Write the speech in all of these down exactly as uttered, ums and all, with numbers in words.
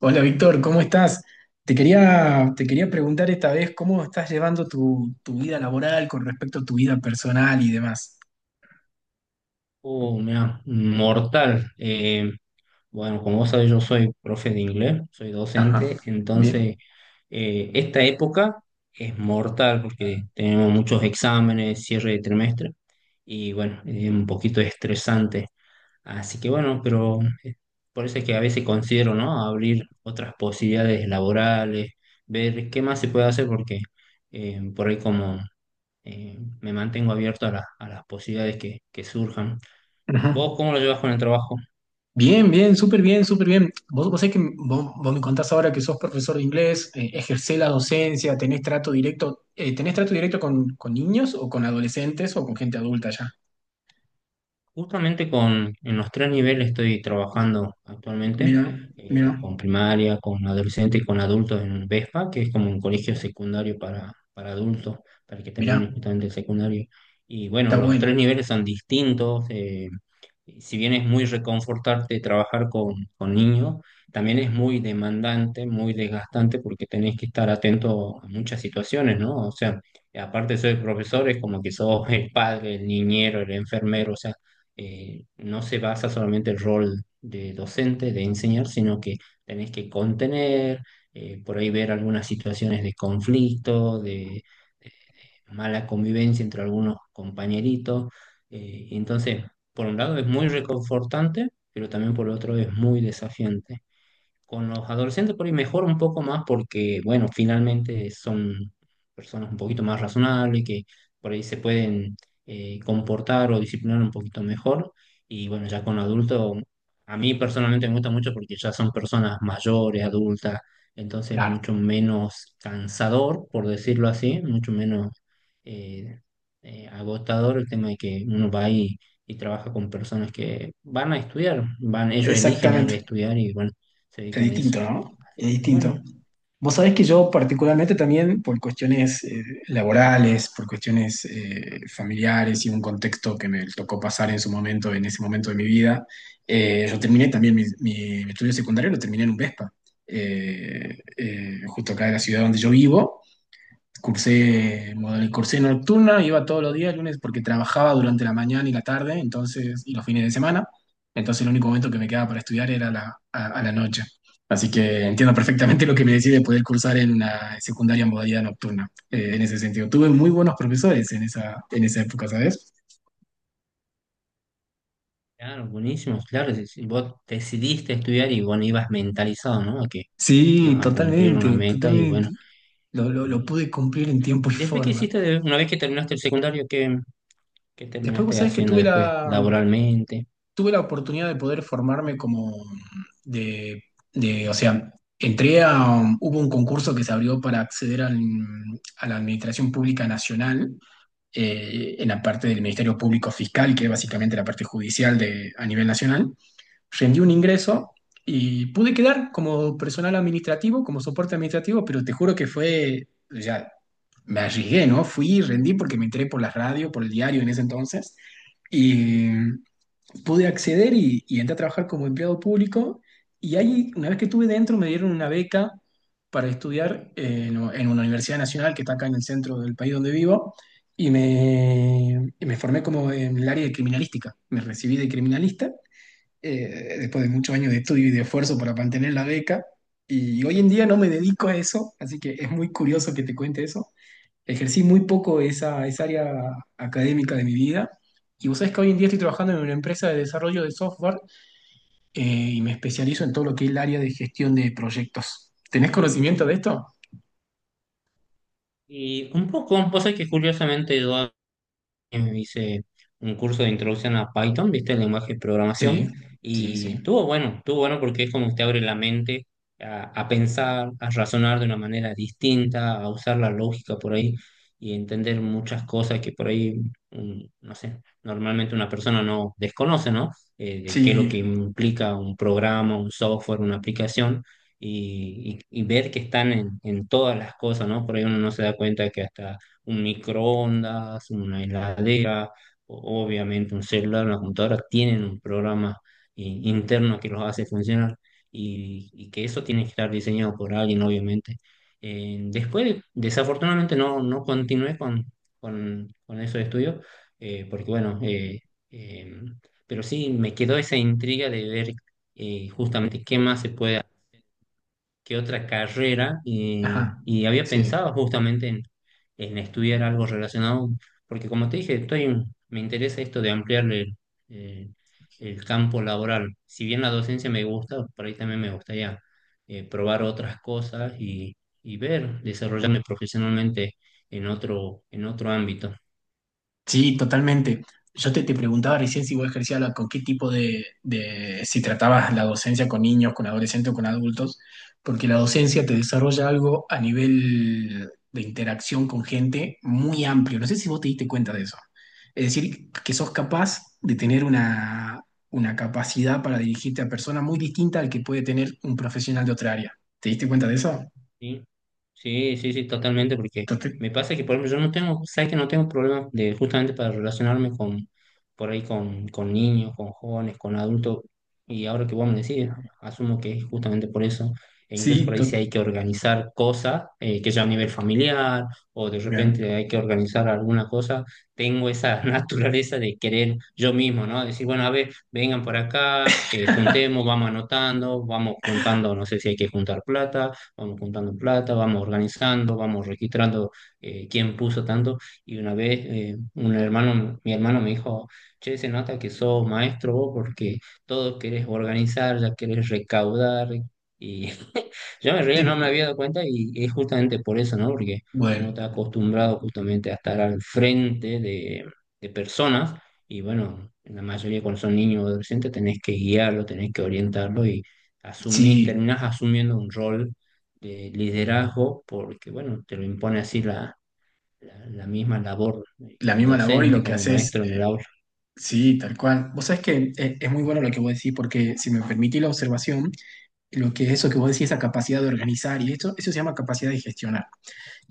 Hola Víctor, ¿cómo estás? Te quería, te quería preguntar esta vez cómo estás llevando tu, tu vida laboral con respecto a tu vida personal y demás. Oh, mira, mortal. Eh, bueno, como vos sabés, yo soy profe de inglés, soy Ajá, docente, bien. entonces eh, esta época es mortal porque tenemos muchos exámenes, cierre de trimestre y bueno, es un poquito estresante. Así que bueno, pero eh, por eso es que a veces considero, ¿no? Abrir otras posibilidades laborales, ver qué más se puede hacer porque eh, por ahí como eh, me mantengo abierto a, la- a las posibilidades que que surjan. Ajá. ¿Vos cómo lo llevas con el trabajo? Bien, bien, súper bien, súper bien. Vos, vos sabés que vos, vos me contás ahora que sos profesor de inglés, eh, ejercés la docencia, tenés trato directo, eh, ¿tenés trato directo con, con niños o con adolescentes o con gente adulta ya? Justamente con, en los tres niveles estoy trabajando actualmente, Mira, eh, mira, con primaria, con adolescente y con adultos en VESPA, que es como un colegio secundario para, para adultos, para que mira, terminen justamente el secundario. Y bueno, está los tres bueno. niveles son distintos, eh, si bien es muy reconfortarte trabajar con, con niños, también es muy demandante, muy desgastante, porque tenés que estar atento a muchas situaciones, ¿no? O sea, aparte de ser profesor, es como que sos el padre, el niñero, el enfermero, o sea eh, no se basa solamente el rol de docente, de enseñar, sino que tenés que contener, eh, por ahí ver algunas situaciones de conflicto, de, de mala convivencia entre algunos compañeritos. Eh, entonces, por un lado es muy reconfortante, pero también por otro es muy desafiante. Con los adolescentes por ahí mejor un poco más porque, bueno, finalmente son personas un poquito más razonables que por ahí se pueden eh, comportar o disciplinar un poquito mejor. Y bueno, ya con adultos, a mí personalmente me gusta mucho porque ya son personas mayores, adultas, entonces Claro. mucho menos cansador, por decirlo así, mucho menos eh, eh, agotador el tema de que uno va ahí y trabaja con personas que van a estudiar, van, ellos eligen ir a Exactamente. estudiar y bueno se Es dedican a eso. distinto, ¿no? Es Y bueno, distinto. Vos sabés que yo particularmente también por cuestiones eh, laborales, por cuestiones eh, familiares y un contexto que me tocó pasar en su momento, en ese momento de mi vida, eh, yo terminé también mi, mi- mi estudio secundario, lo terminé en un Vespa, eh, eh, justo acá en la ciudad donde yo vivo, cursé, model- cursé nocturna, iba todos los días, lunes, porque trabajaba durante la mañana y la tarde, entonces, y los fines de semana. Entonces, el único momento que me quedaba para estudiar era la, a, a la noche. Así que entiendo perfectamente lo que me decís de poder cursar en una secundaria en modalidad nocturna, eh, en ese sentido. Tuve muy buenos profesores en esa, en esa época, ¿sabes? claro, buenísimo, claro, si, si vos decidiste estudiar y bueno, ibas mentalizado, ¿no? A que Sí, ibas a cumplir una totalmente, meta y bueno. totalmente. Lo, lo, lo ¿Y, pude cumplir en tiempo y y después qué forma. hiciste, de- una vez que terminaste el secundario, qué, qué Después vos terminaste sabés que haciendo tuve después la, laboralmente? tuve la oportunidad de poder formarme como mm, de, de- o sea, entré a, un- hubo un concurso que se abrió para acceder al- a la Administración Pública Nacional, eh, en la parte del Ministerio Público Fiscal, que es básicamente la parte judicial de, a nivel nacional. Rendí un ingreso y pude quedar como personal administrativo, como soporte administrativo, pero te juro que fue, ya, me arriesgué, ¿no? Fui y rendí porque me entré por la radio, por el diario en ese entonces. Y pude acceder y, y entré a trabajar como empleado público. Y ahí, una vez que estuve dentro, me dieron una beca para estudiar en, en una universidad nacional que está acá en el centro del país donde vivo. Y me, y me formé como en el área de criminalística. Me recibí de criminalista eh, después de muchos años de estudio y de esfuerzo para mantener la beca. Y hoy en día no me dedico a eso, así que es muy curioso que te cuente eso. Ejercí muy poco esa, esa área académica de mi vida. Y vos sabés que hoy en día estoy trabajando en una empresa de desarrollo de software eh, y me especializo en todo lo que es el área de gestión de proyectos. ¿Tenés conocimiento de esto? Y un poco, vos sabés que curiosamente yo eh, hice un curso de introducción a Python, ¿viste? El lenguaje de Sí, programación. sí, Y sí. estuvo bueno, estuvo bueno porque es como que te abre la mente a, a pensar, a razonar de una manera distinta, a usar la lógica por ahí y entender muchas cosas que por ahí, mm, no sé, normalmente una persona no desconoce, ¿no? Eh, de qué es lo Sí, que implica un programa, un software, una aplicación. Y, y- y ver que están en, en todas las cosas, ¿no? Por ahí uno no se da cuenta que hasta un microondas, una heladera, o- obviamente un celular, una computadora, tienen un programa i- interno que los hace funcionar y, y que eso tiene que estar diseñado por alguien, obviamente. Eh, después, desafortunadamente, no, no continué con, con, con esos estudios, eh, porque bueno, eh, eh, pero sí me quedó esa intriga de ver eh, justamente qué más se puede qué otra carrera eh, ajá, y había sí. pensado justamente en, en estudiar algo relacionado, porque como te dije, estoy, me interesa esto de ampliar el, eh, el campo laboral. Si bien la docencia me gusta, por ahí también me gustaría eh, probar otras cosas y, y ver, desarrollarme profesionalmente en otro, en otro ámbito. Sí, totalmente. Yo te, te preguntaba recién si vos ejercías la- con qué tipo de, de- si tratabas la docencia con niños, con adolescentes o con adultos, porque la docencia te desarrolla algo a nivel de interacción con gente muy amplio. No sé si vos te diste cuenta de eso. Es decir, que sos capaz de tener una, una capacidad para dirigirte a personas muy distinta al que puede tener un profesional de otra área. ¿Te diste cuenta de eso? Sí, sí, sí, sí, totalmente, porque Tote- me pasa que, por ejemplo, yo no tengo, sabes que no tengo problemas de justamente para relacionarme con, por ahí con, con niños, con jóvenes, con adultos, y ahora que vos me decís, asumo que es justamente por eso, e incluso sí, por ahí si tote- hay que organizar cosas, eh, que ya a nivel familiar, o de bien. repente hay que organizar alguna cosa, tengo esa naturaleza de querer yo mismo, ¿no? Decir, bueno, a ver, vengan por acá, eh, juntemos, vamos anotando, vamos juntando, no sé si hay que juntar plata vamos juntando plata, vamos organizando, vamos registrando eh, quién puso tanto. Y una vez eh, un hermano, mi hermano me dijo, che, se nota que sos maestro vos porque todo querés organizar, ya querés recaudar. Y yo me reía, Sí, no me había dado cuenta y es justamente por eso, ¿no? Porque Bueno, uno está acostumbrado justamente a estar al frente de, de personas y bueno, en la mayoría cuando son niños o adolescentes tenés que guiarlo, tenés que orientarlo y asumís, sí. terminás asumiendo un rol de liderazgo, porque bueno, te lo impone así la, la, la misma labor eh, La como misma labor y lo docente, que como haces, maestro en eh, el aula. sí, tal cual. Vos sabés que eh, es muy bueno lo que vos decís, porque si me permitís la observación, lo que es eso que vos decís, esa capacidad de organizar, y esto, eso se llama capacidad de gestionar.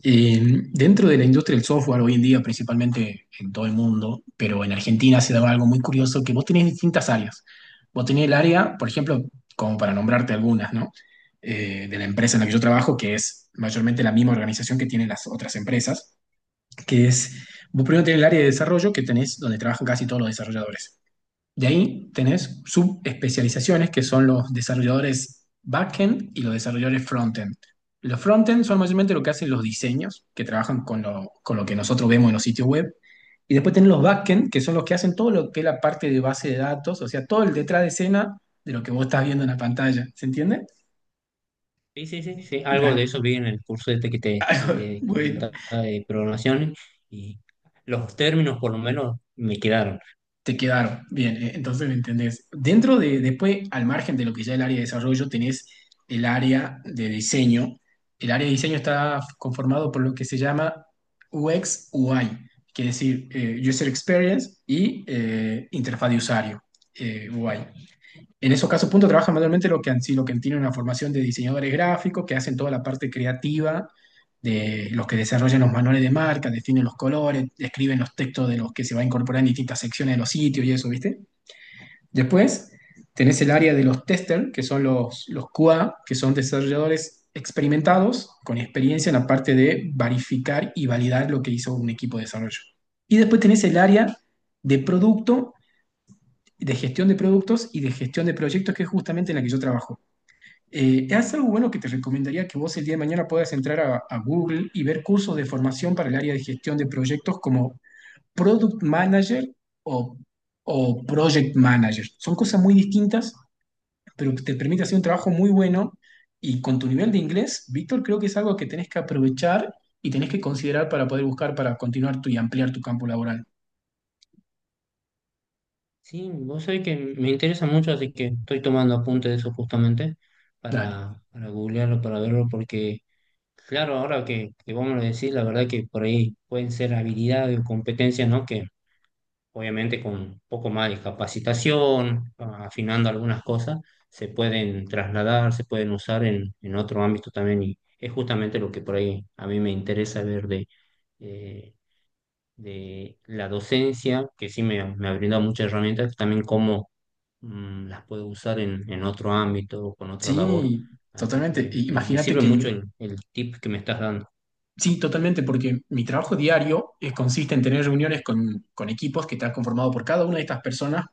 Eh, dentro de la industria del software, hoy en día, principalmente en todo el mundo, pero en Argentina se daba algo muy curioso, que vos tenés distintas áreas. Vos tenés el área, por ejemplo, como para nombrarte algunas, ¿no? Eh, de la empresa en la que yo trabajo, que es mayormente la misma organización que tienen las otras empresas que es, vos primero tenés el área de desarrollo que tenés donde trabajan casi todos los desarrolladores. De ahí tenés subespecializaciones que son los desarrolladores backend y los desarrolladores frontend. Los frontend son mayormente lo que hacen los diseños, que trabajan con lo, con lo que nosotros vemos en los sitios web. Y después tenés los backend, que son los que hacen todo lo que es la parte de base de datos, o sea, todo el detrás de escena de lo que vos estás viendo en la pantalla. ¿Se entiende? Sí, sí, sí, sí, algo de Dale. eso vi en el curso este que te, que te Bueno, comentaba de programación y los términos por lo menos me quedaron. te quedaron. Bien, eh, entonces me entendés. Dentro de, después, al margen de lo que ya es el área de desarrollo, tenés el área de diseño. El área de diseño está conformado por lo que se llama U X U I, que es decir, eh, User Experience y eh, interfaz de usuario, eh, U I. En esos casos, punto, trabajan manualmente lo que han sido, que tienen una formación de diseñadores gráficos, que hacen toda la parte creativa de los que desarrollan los manuales de marca, definen los colores, escriben los textos de los que se va a incorporar en distintas secciones de los sitios y eso, ¿viste? Después tenés el área de los testers, que son los, los Q A, que son desarrolladores experimentados, con experiencia en la parte de verificar y validar lo que hizo un equipo de desarrollo. Y después tenés el área de producto de gestión de productos y de gestión de proyectos, que es justamente en la que yo trabajo. Eh, es algo bueno que te recomendaría que vos el día de mañana puedas entrar a, a Google y ver cursos de formación para el área de gestión de proyectos como Product Manager o, o Project Manager. Son cosas muy distintas, pero que te permite hacer un trabajo muy bueno y con tu nivel de inglés, Víctor, creo que es algo que tenés que aprovechar y tenés que considerar para poder buscar, para continuar tu, y ampliar tu campo laboral. Sí, vos sabés que me interesa mucho, así que estoy tomando apunte de eso justamente Dale. para, para googlearlo, para verlo, porque claro, ahora que, que vos me lo decís, la verdad que por ahí pueden ser habilidades o competencias, ¿no? Que obviamente con un poco más de capacitación, afinando algunas cosas, se pueden trasladar, se pueden usar en, en otro ámbito también y es justamente lo que por ahí a mí me interesa ver de, eh, de la docencia, que sí me, me ha brindado muchas herramientas, también cómo mm, las puedo usar en, en otro ámbito, con otra labor. Sí, Así totalmente. que E- me, me Imagínate sirve que mucho mi- el, el tip que me estás dando. sí, totalmente, porque mi trabajo diario eh, consiste en tener reuniones con, con equipos que están conformados por cada una de estas personas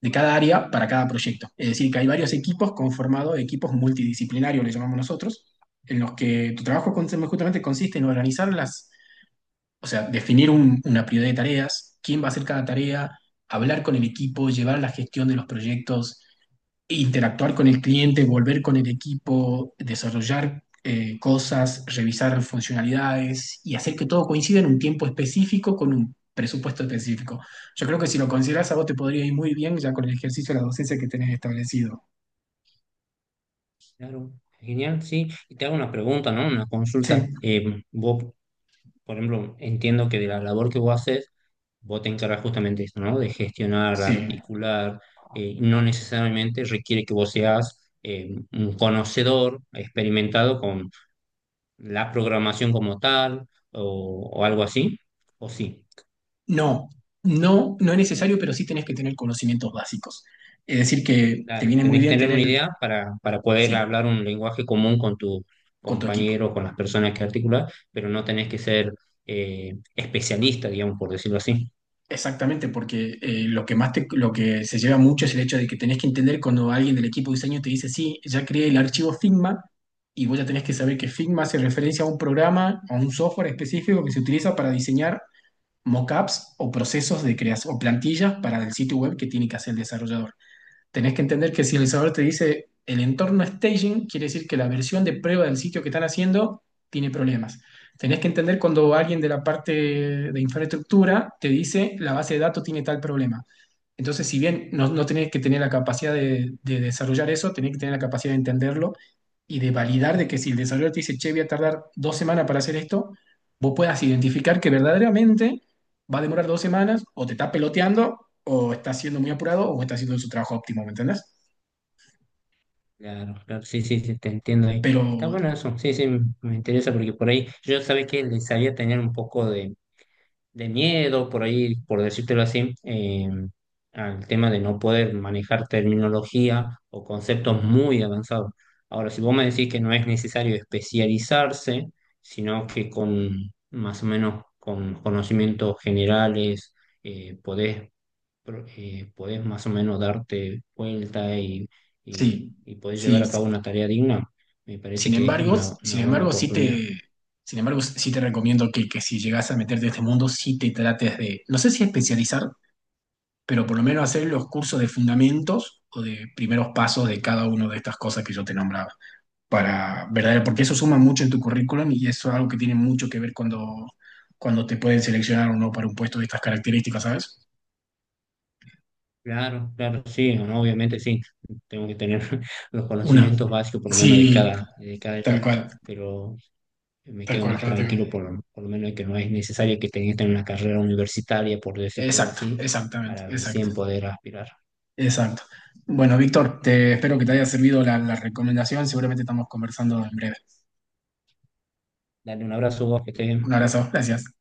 de cada área para cada proyecto. Es decir, que hay varios equipos conformados, equipos multidisciplinarios, le llamamos nosotros, en los que tu trabajo con- justamente consiste en organizar las, o sea, definir un- una prioridad de tareas, quién va a hacer cada tarea, hablar con el equipo, llevar la gestión de los proyectos, interactuar con el cliente, volver con el equipo, desarrollar eh, cosas, revisar funcionalidades y hacer que todo coincida en un tiempo específico con un presupuesto específico. Yo creo que si lo consideras a vos te podría ir muy bien ya con el ejercicio de la docencia que tenés establecido. Claro, genial, sí. Y te hago una pregunta, ¿no? Una consulta. Sí, Eh, vos por ejemplo, entiendo que de la labor que vos haces, vos te encargas justamente de eso, ¿no? De gestionar, sí. articular, eh, no necesariamente requiere que vos seas eh, un conocedor experimentado con la programación como tal o, o algo así, o sí. No, no, no es necesario, pero sí tenés que tener conocimientos básicos. Es decir, que te Claro, viene muy tenés que bien tener una tener, idea para, para poder sí, hablar un lenguaje común con tu con tu equipo. compañero, con las personas que articulas, pero no tenés que ser eh, especialista, digamos, por decirlo así. Exactamente, porque eh, lo que más te- lo que se lleva mucho es el hecho de que tenés que entender cuando alguien del equipo de diseño te dice, sí, ya creé el archivo Figma, y vos ya tenés que saber que Figma hace referencia a un programa, a un software específico que se utiliza para diseñar mockups o procesos de creación, o plantillas para el sitio web que tiene que hacer el desarrollador. Tenés que entender que si el sabor te dice el entorno staging, quiere decir que la versión de prueba del sitio que están haciendo tiene problemas. Tenés que entender cuando alguien de la parte de infraestructura te dice la base de datos tiene tal problema. Entonces, si bien no, no tenés que tener la capacidad de, de desarrollar eso, tenés que tener la capacidad de entenderlo y de validar de que si el desarrollador te dice, che, voy a tardar dos semanas para hacer esto, vos puedas identificar que verdaderamente va a demorar dos semanas, o te está peloteando, o está siendo muy apurado, o está haciendo su trabajo óptimo, ¿me entendés? Claro, claro, sí, sí, sí, te entiendo ahí. Pero Está bueno eso, sí, sí, me interesa porque por ahí yo sabía que le sabía tener un poco de, de miedo, por ahí, por decírtelo así, eh, al tema de no poder manejar terminología o conceptos muy avanzados. Ahora, si vos me decís que no es necesario especializarse, sino que con más o menos con conocimientos generales eh, podés pro- eh, podés más o menos darte vuelta y, y, sí, y podés llevar sí, a cabo sí. una tarea digna, me parece Sin que es embargo, una, sin una buena embargo, sí oportunidad. te, sin embargo, sí te recomiendo que, que si llegas a meterte en este mundo, sí te trates de, no sé si especializar, pero por lo menos hacer los cursos de fundamentos o de primeros pasos de Ujú. cada una de estas cosas que yo te nombraba. Para, ¿verdad? Porque eso suma mucho en tu currículum y eso es algo que tiene mucho que ver cuando, cuando te pueden seleccionar o no para un puesto de estas características, ¿sabes? Claro, claro, sí, no, obviamente sí, tengo que tener los Una. conocimientos básicos por lo menos de Sí, cada, de cada tal etapa, cual, pero me tal quedo cual, más pero tranquilo por, lo- por lo menos de que no es necesario que tengas que tener una carrera universitaria, por decírtelo exacto, así, exactamente, para exacto, recién poder aspirar. exacto. Bueno, Víctor, te espero que te haya servido la, la recomendación. Seguramente estamos conversando en breve. Dale un abrazo, vos, que estés Un bien. abrazo, gracias.